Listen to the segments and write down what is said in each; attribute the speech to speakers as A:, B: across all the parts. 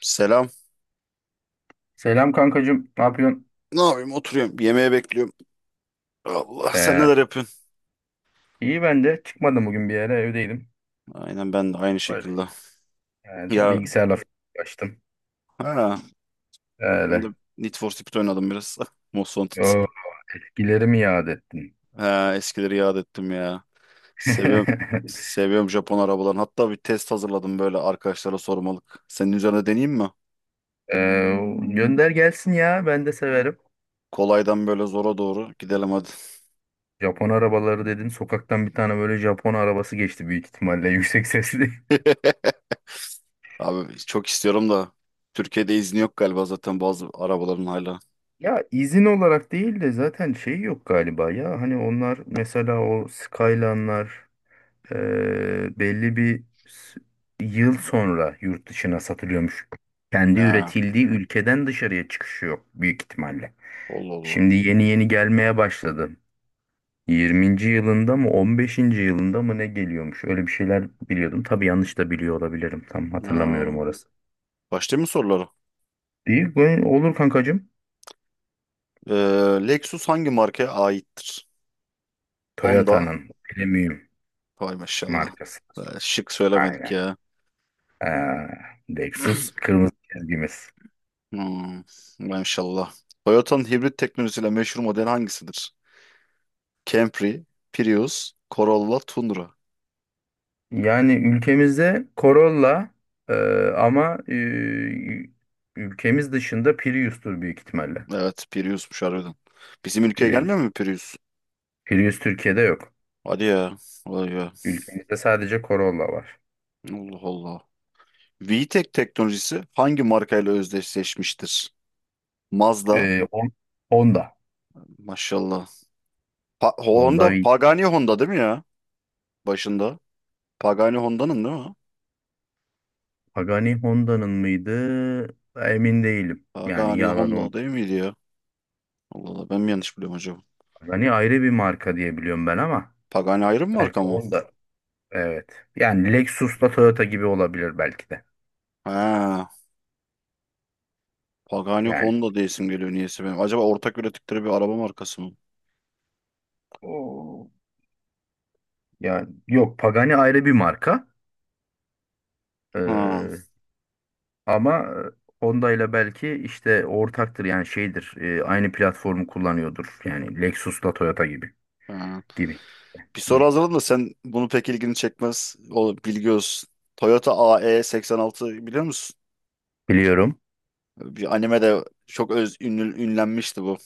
A: Selam.
B: Selam kankacığım. Ne yapıyorsun?
A: Ne yapayım? Oturuyorum. Yemeğe bekliyorum. Allah sen
B: Ee,
A: neler yapıyorsun?
B: iyi ben de. Çıkmadım bugün bir yere. Evdeydim.
A: Aynen ben de aynı
B: Öyle.
A: şekilde.
B: Yani
A: Ya
B: bilgisayarla falan uğraştım.
A: ha, ben de
B: Öyle.
A: Need for Speed oynadım biraz. Most Wanted.
B: O bilgileri mi yad ettin?
A: Ha, eskileri yad ettim ya. Seviyorum. Seviyorum Japon arabalarını. Hatta bir test hazırladım böyle arkadaşlara sormalık. Senin üzerine deneyeyim mi?
B: Gönder gelsin ya. Ben de severim.
A: Kolaydan böyle zora doğru gidelim hadi.
B: Japon arabaları dedin. Sokaktan bir tane böyle Japon arabası geçti büyük ihtimalle. Yüksek sesli.
A: Abi çok istiyorum da Türkiye'de izni yok galiba zaten bazı arabaların hala.
B: Ya izin olarak değil de zaten şey yok galiba ya. Hani onlar mesela o Skyline'lar belli bir yıl sonra yurt dışına satılıyormuş. Kendi
A: Ha,
B: üretildiği ülkeden dışarıya çıkışı yok büyük ihtimalle.
A: Allah Allah.
B: Şimdi yeni yeni gelmeye başladı. 20. yılında mı 15. yılında mı ne geliyormuş? Öyle bir şeyler biliyordum. Tabii yanlış da biliyor olabilirim. Tam hatırlamıyorum
A: Ha.
B: orası.
A: Başlayayım mı sorulara?
B: Değil bu, olur kankacığım.
A: Ee, Lexus hangi markaya aittir? Honda.
B: Toyota'nın premium
A: Vay maşallah.
B: markası.
A: Şık söylemedik
B: Aynen.
A: ya.
B: Ee, Lexus kırmızı çizgimiz.
A: Hmm, maşallah. Toyota'nın hibrit teknolojisiyle meşhur model hangisidir? Camry, Prius, Corolla, Tundra.
B: Yani ülkemizde Corolla, e, ama ülkemiz dışında Prius'tur büyük ihtimalle.
A: Evet, Prius'muş harbiden. Bizim ülkeye
B: Prius.
A: gelmiyor mu Prius?
B: Prius Türkiye'de yok.
A: Hadi ya. Vay be.
B: Ülkemizde sadece Corolla var.
A: Allah Allah. VTEC teknolojisi hangi markayla özdeşleşmiştir? Mazda.
B: E, Hon- Honda.
A: Maşallah.
B: Honda
A: Honda,
B: V.
A: Pagani Honda değil mi ya? Başında. Pagani Honda'nın değil mi?
B: Pagani Honda'nın mıydı? Emin değilim. Yani
A: Pagani
B: yalan
A: Honda
B: olmasın.
A: değil miydi ya? Allah Allah, ben mi yanlış biliyorum acaba?
B: Pagani ayrı bir marka diye biliyorum ben ama
A: Pagani ayrı mı
B: belki
A: marka mı?
B: Honda. Evet. Yani Lexus'la Toyota gibi olabilir belki de.
A: Ha, Pagani
B: Yani.
A: Honda diye isim geliyor niyeyse benim. Acaba ortak ürettikleri bir araba markası mı?
B: Oo. Yani yok, Pagani ayrı bir marka.
A: Ha,
B: Ee, Ama Honda ile belki işte ortaktır, yani şeydir, aynı platformu kullanıyordur. Yani Lexus'la Toyota gibi
A: ha.
B: gibi.
A: Bir
B: Hı.
A: soru hazırladım da sen bunu pek ilgini çekmez. O bilgi olsun. Toyota AE86 biliyor musun?
B: Biliyorum.
A: Bir animede çok öz ünlü, ünlenmişti bu.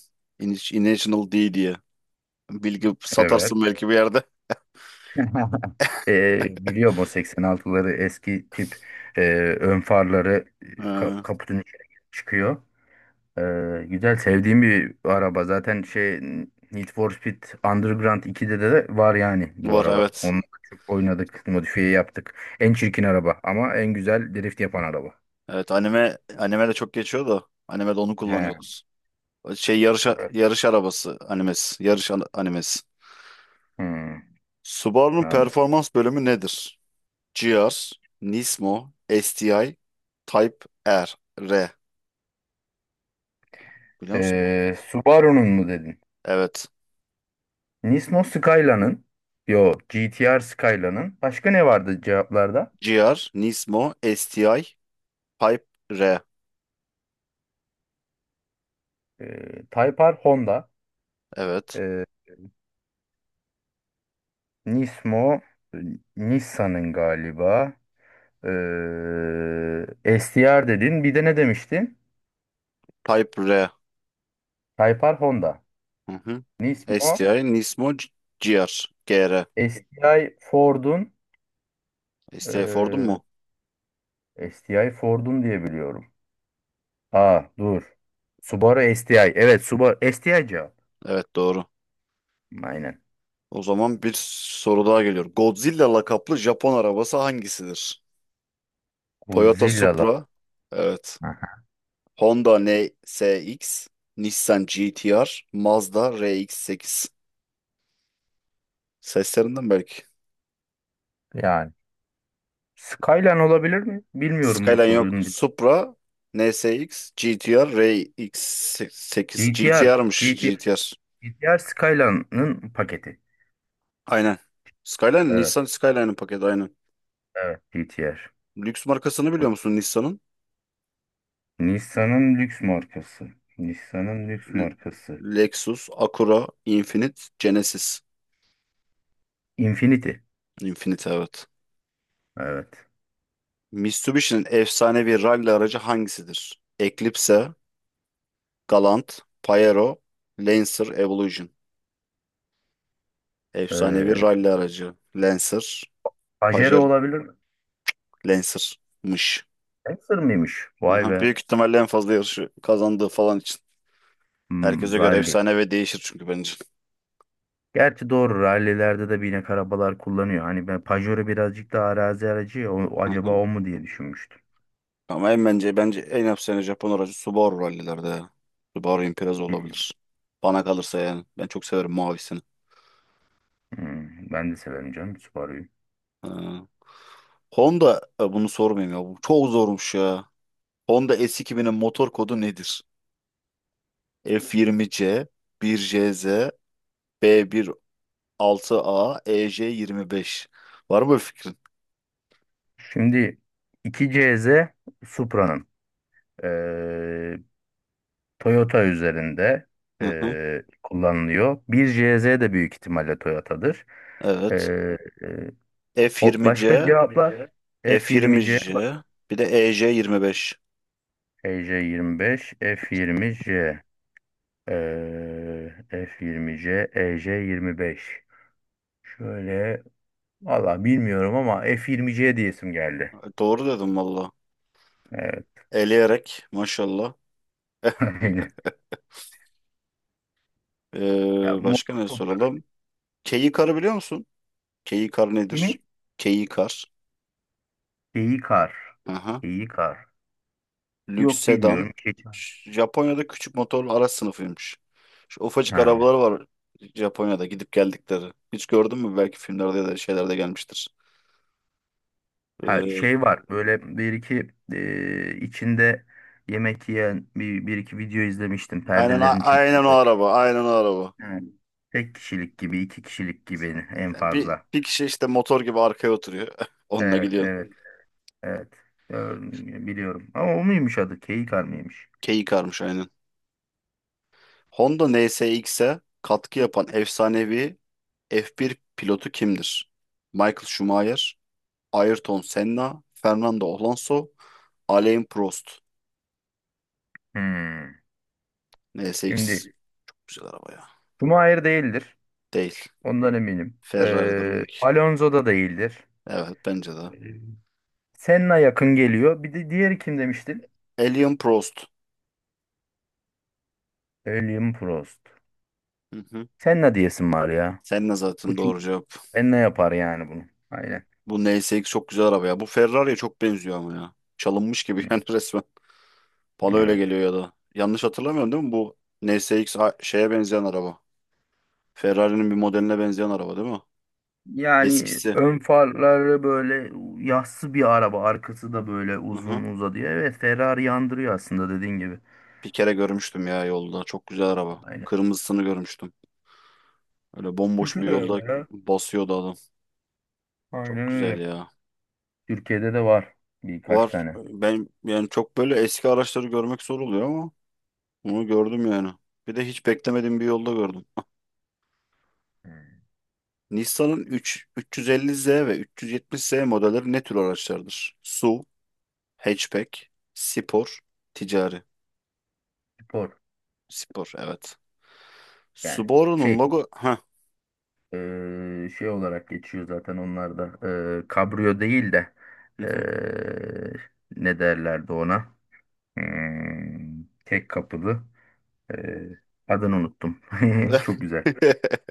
A: International D diye. Bilgi
B: Evet.
A: satarsın belki bir yerde.
B: Biliyorum, o 86'ları eski tip, e, ön farları,
A: Ha,
B: kaputun içine çıkıyor. E, Güzel, sevdiğim bir araba. Zaten şey, Need for Speed Underground 2'de de var yani bu
A: var,
B: araba.
A: evet.
B: Onunla çok oynadık, modifiye yaptık. En çirkin araba ama en güzel drift yapan araba.
A: Evet, anime de çok geçiyor da animede onu
B: He.
A: kullanıyoruz. Şey, yarış
B: Evet.
A: yarış arabası animesi. Yarış animesi.
B: Hmm,
A: Subaru'nun
B: Anladım.
A: performans bölümü nedir? GR, Nismo, STI, Type R. R. Biliyor musun bu?
B: Subaru'nun mu dedin?
A: Evet.
B: Nismo Skylia'nın, yo GTR Skylia'nın, başka ne vardı cevaplarda?
A: GR, Nismo, STI, Type R.
B: Type R Honda,
A: Evet.
B: ee, Nismo, e, Nissan'ın galiba, STR dedin, bir de ne demiştin?
A: Type R.
B: Type R Honda,
A: Hı hı.
B: Nismo,
A: STI, Nismo, GR. GR.
B: STI Ford'un,
A: STI Ford'un
B: ee,
A: mu?
B: STI Ford'un diye biliyorum. Aa, dur, Subaru STI, evet, Subaru STI cevap,
A: Evet, doğru.
B: aynen.
A: O zaman bir soru daha geliyor. Godzilla lakaplı Japon arabası hangisidir? Toyota
B: Godzilla'lar.
A: Supra. Evet.
B: Aha.
A: Honda NSX, Nissan GT-R, Mazda RX-8. Seslerinden belki.
B: Yani. Skyline olabilir mi? Bilmiyorum bu
A: Skyline yok.
B: sorunun.
A: Supra, NSX, GT-R, RX-8.
B: GTR.
A: GT-R'mış,
B: GTR.
A: GT-R.
B: GTR Skyline'ın paketi.
A: Aynen. Skyline,
B: Evet.
A: Nissan Skyline'ın paketi, aynen.
B: Evet. GTR.
A: Lüks markasını
B: Bu,
A: biliyor musun Nissan'ın?
B: Nissan'ın lüks markası. Nissan'ın lüks
A: L-
B: markası.
A: Lexus, Acura, Infiniti, Genesis.
B: Infinity.
A: Infiniti, evet.
B: Evet.
A: Mitsubishi'nin efsanevi rally aracı hangisidir? Eclipse, Galant, Pajero, Lancer Evolution. Efsanevi
B: Ee,
A: rally aracı. Lancer,
B: Pajero
A: Pajero,
B: olabilir mi?
A: Lancer'mış.
B: Lancer mıymış? Vay
A: Aha,
B: be.
A: büyük ihtimalle en fazla yarışı kazandığı falan için. Herkese göre
B: Rally.
A: efsane ve değişir çünkü, bence.
B: Gerçi doğru, rallilerde de binek arabalar kullanıyor. Hani ben Pajero birazcık daha arazi aracı ya.
A: Hı
B: Acaba
A: hı.
B: o mu diye düşünmüştüm.
A: Ama en, bence en efsane Japon aracı Subaru, rallilerde ya. Subaru Impreza olabilir. Bana kalırsa yani. Ben çok severim mavisini.
B: Ben de severim canım Subaru'yu.
A: Ee, Honda, bunu sormayayım ya. Bu çok zormuş ya. Honda S2000'in motor kodu nedir? F20C, 1JZ, B16A, EJ5. Var mı bu fikrin?
B: Şimdi 2CZ Supra'nın, eee, Toyota üzerinde,
A: Hı hı.
B: kullanılıyor. 1CZ de büyük ihtimalle Toyota'dır.
A: Evet.
B: Eee, eee,
A: f yirmi c
B: Başka cevaplar
A: f yirmi
B: F20C,
A: c bir de EJ5.
B: EJ25, F20C, F20C, EJ25. Şöyle, valla bilmiyorum ama F20C diyesim geldi.
A: Doğru dedim valla.
B: Evet.
A: Eleyerek maşallah.
B: Aynen. Ya, motor.
A: Başka ne soralım? Keyikar biliyor musun? Keyikar nedir?
B: Kimi?
A: Keyikar.
B: Geyikar.
A: Hı hı.
B: Geyikar.
A: Lüks
B: Yok, bilmiyorum.
A: sedan.
B: Keçi.
A: Japonya'da küçük motorlu araç sınıfıymış. Şu ufacık
B: Ha.
A: arabalar var Japonya'da gidip geldikleri. Hiç gördün mü? Belki filmlerde ya da şeylerde gelmiştir.
B: Ha,
A: Ee,
B: şey var böyle bir iki, içinde yemek yiyen bir iki video izlemiştim.
A: Aynen a-
B: Perdelerini
A: aynen
B: çekiyor
A: o
B: da.
A: araba. Aynen o araba.
B: Ha. Tek kişilik gibi, iki kişilik gibi en
A: Yani bir
B: fazla.
A: bir kişi işte motor gibi arkaya oturuyor. Onunla
B: Evet,
A: gidiyorsun.
B: evet, evet. Ör- Biliyorum. Ama o muymuş adı? Geyikar mıymış?
A: Keyik karmış aynen. Honda NSX'e katkı yapan efsanevi F1 pilotu kimdir? Michael Schumacher, Ayrton Senna, Fernando Alonso, Alain Prost.
B: Hmm.
A: NSX
B: Şimdi,
A: güzel araba ya.
B: Schumacher değildir.
A: Değil.
B: Ondan eminim.
A: Ferrari'dir onunki.
B: Alonso da değildir.
A: Evet, bence de.
B: Senna yakın geliyor. Bir de diğeri kim demiştin?
A: Alain Prost.
B: William Prost.
A: Hı hı.
B: Senna diyesin var ya.
A: Senna
B: Bu
A: zaten
B: çok
A: doğru cevap.
B: Senna yapar yani bunu. Aynen.
A: Bu NSX çok güzel araba ya. Bu Ferrari'ye çok benziyor ama ya. Çalınmış gibi yani, resmen. Bana öyle
B: Evet.
A: geliyor ya da. Yanlış hatırlamıyorum değil mi? Bu NSX şeye benzeyen araba. Ferrari'nin bir modeline benzeyen araba değil mi?
B: Yani
A: Eskisi.
B: ön farları böyle yassı bir araba. Arkası da böyle
A: Hı hı.
B: uzun uzadıya. Evet, Ferrari yandırıyor aslında, dediğin gibi.
A: Bir kere görmüştüm ya yolda. Çok güzel araba.
B: Aynen.
A: Kırmızısını görmüştüm. Öyle bomboş
B: Güzel
A: bir yolda
B: araba ya.
A: basıyordu adam. Çok
B: Aynen
A: güzel
B: öyle.
A: ya.
B: Türkiye'de de var birkaç
A: Var.
B: tane.
A: Ben yani çok böyle eski araçları görmek zor oluyor ama bunu gördüm yani. Bir de hiç beklemediğim bir yolda gördüm.
B: Hmm.
A: Nissan'ın 3, 350Z ve 370Z modelleri ne tür araçlardır? SUV, hatchback, spor, ticari.
B: Spor
A: Spor, evet.
B: yani. Şey
A: Heh.
B: Şey olarak geçiyor zaten onlar da. Kabrio değil de,
A: Hı hı.
B: eee, ne derlerdi ona? Tek kapılı. Eee, Adını unuttum. Çok güzel.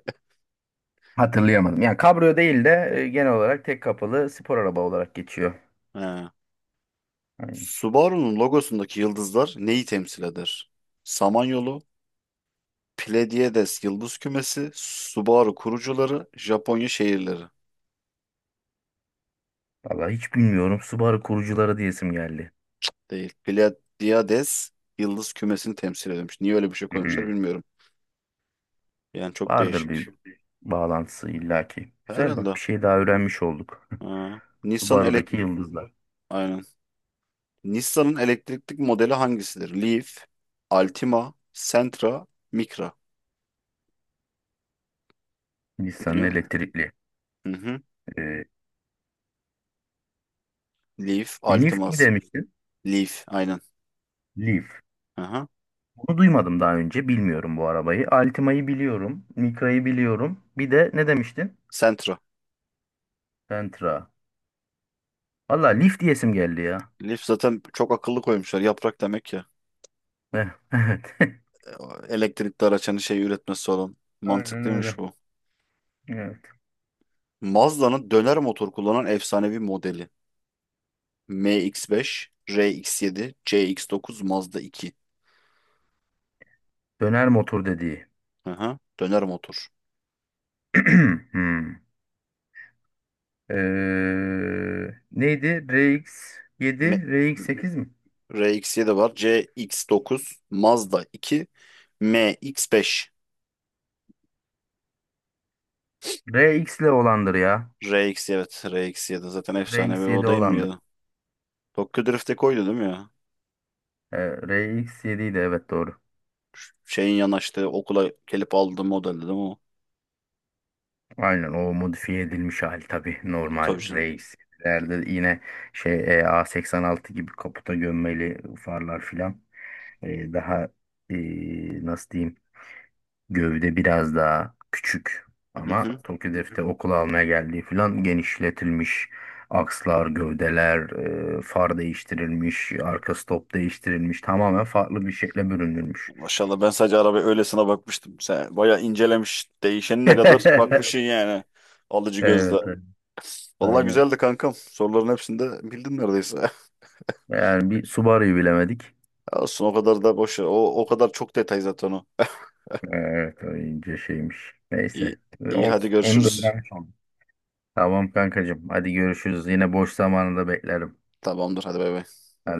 B: Hatırlayamadım. Yani kabrio değil de, genel olarak tek kapılı spor araba olarak geçiyor.
A: Ha.
B: Yani,
A: Subaru'nun logosundaki yıldızlar neyi temsil eder? Samanyolu, Pleiades yıldız kümesi, Subaru kurucuları, Japonya şehirleri.
B: vallahi hiç bilmiyorum. Subaru kurucuları diyesim geldi.
A: Değil. Pleiades yıldız kümesini temsil ediyormuş. Niye öyle bir şey koymuşlar
B: Hmm,
A: bilmiyorum. Yani çok
B: Vardır
A: değişik.
B: bir bağlantısı illaki. Güzel, bak,
A: Herhalde.
B: bir şey daha öğrenmiş olduk.
A: Ha. Nissan elek
B: Subaru'daki yıldızlar.
A: Aynen. Nissan'ın elektrikli modeli hangisidir? Leaf, Altima, Sentra, Micra.
B: Nissan'ın
A: Biliyor musun?
B: elektrikli.
A: Hı hı. Leaf,
B: Leaf
A: Altima,
B: mi demiştin?
A: Leaf aynen.
B: Leaf.
A: Aha.
B: Bunu duymadım daha önce. Bilmiyorum bu arabayı. Altima'yı biliyorum. Micra'yı biliyorum. Bir de ne demiştin?
A: Sentra.
B: Sentra. Valla Leaf diyesim geldi ya.
A: Leaf zaten, çok akıllı koymuşlar. Yaprak demek ya.
B: Eh, evet.
A: E, Elektrikli araç hani, şey üretmesi olan.
B: Aynen
A: Mantıklıymış
B: öyle.
A: bu.
B: Evet.
A: Mazda'nın döner motor kullanan efsanevi modeli. MX-5, RX-7, CX-9, Mazda 2.
B: Döner motor dediği.
A: Aha. Döner motor.
B: Hmm. Neydi?
A: M
B: RX7, RX8 mi?
A: RX-7 var. CX-9, Mazda 2, MX-5.
B: RX ile olandır ya.
A: RX, evet, RX-7 zaten efsanevi
B: RX7
A: o, değil mi
B: olandır.
A: ya? Tokyo Drift'e koydu değil mi ya?
B: Ee, RX7 idi, evet, doğru.
A: Şeyin yanaştığı okula gelip aldığı model değil mi o?
B: Aynen, o modifiye edilmiş hali, tabii
A: Tabii
B: normal
A: canım.
B: reislerde yine A86 gibi kaputa gömmeli farlar filan. Daha, nasıl diyeyim, gövde biraz daha küçük
A: Hı
B: ama
A: hı.
B: Tokyo Drift'te okula almaya geldiği filan, genişletilmiş akslar, gövdeler, far değiştirilmiş, arka stop değiştirilmiş, tamamen farklı bir şekle bürünülmüş.
A: Maşallah, ben sadece arabaya öylesine bakmıştım. Sen bayağı incelemiş. Değişenine kadar bakmışsın yani. Alıcı gözle.
B: Evet, evet,
A: Vallahi
B: aynen.
A: güzeldi kankam. Soruların hepsini de bildin neredeyse.
B: Yani bir Subaru'yu bilemedik.
A: Olsun, o kadar da boş ver. O kadar çok detay zaten o.
B: Evet, o ince şeymiş.
A: İyi,
B: Neyse,
A: iyi, hadi
B: olsun. Onu da öyle
A: görüşürüz.
B: öğrenmiş oldum. Tamam kankacığım. Hadi görüşürüz. Yine boş zamanında beklerim.
A: Tamamdır, hadi, bay bay.
B: Hadi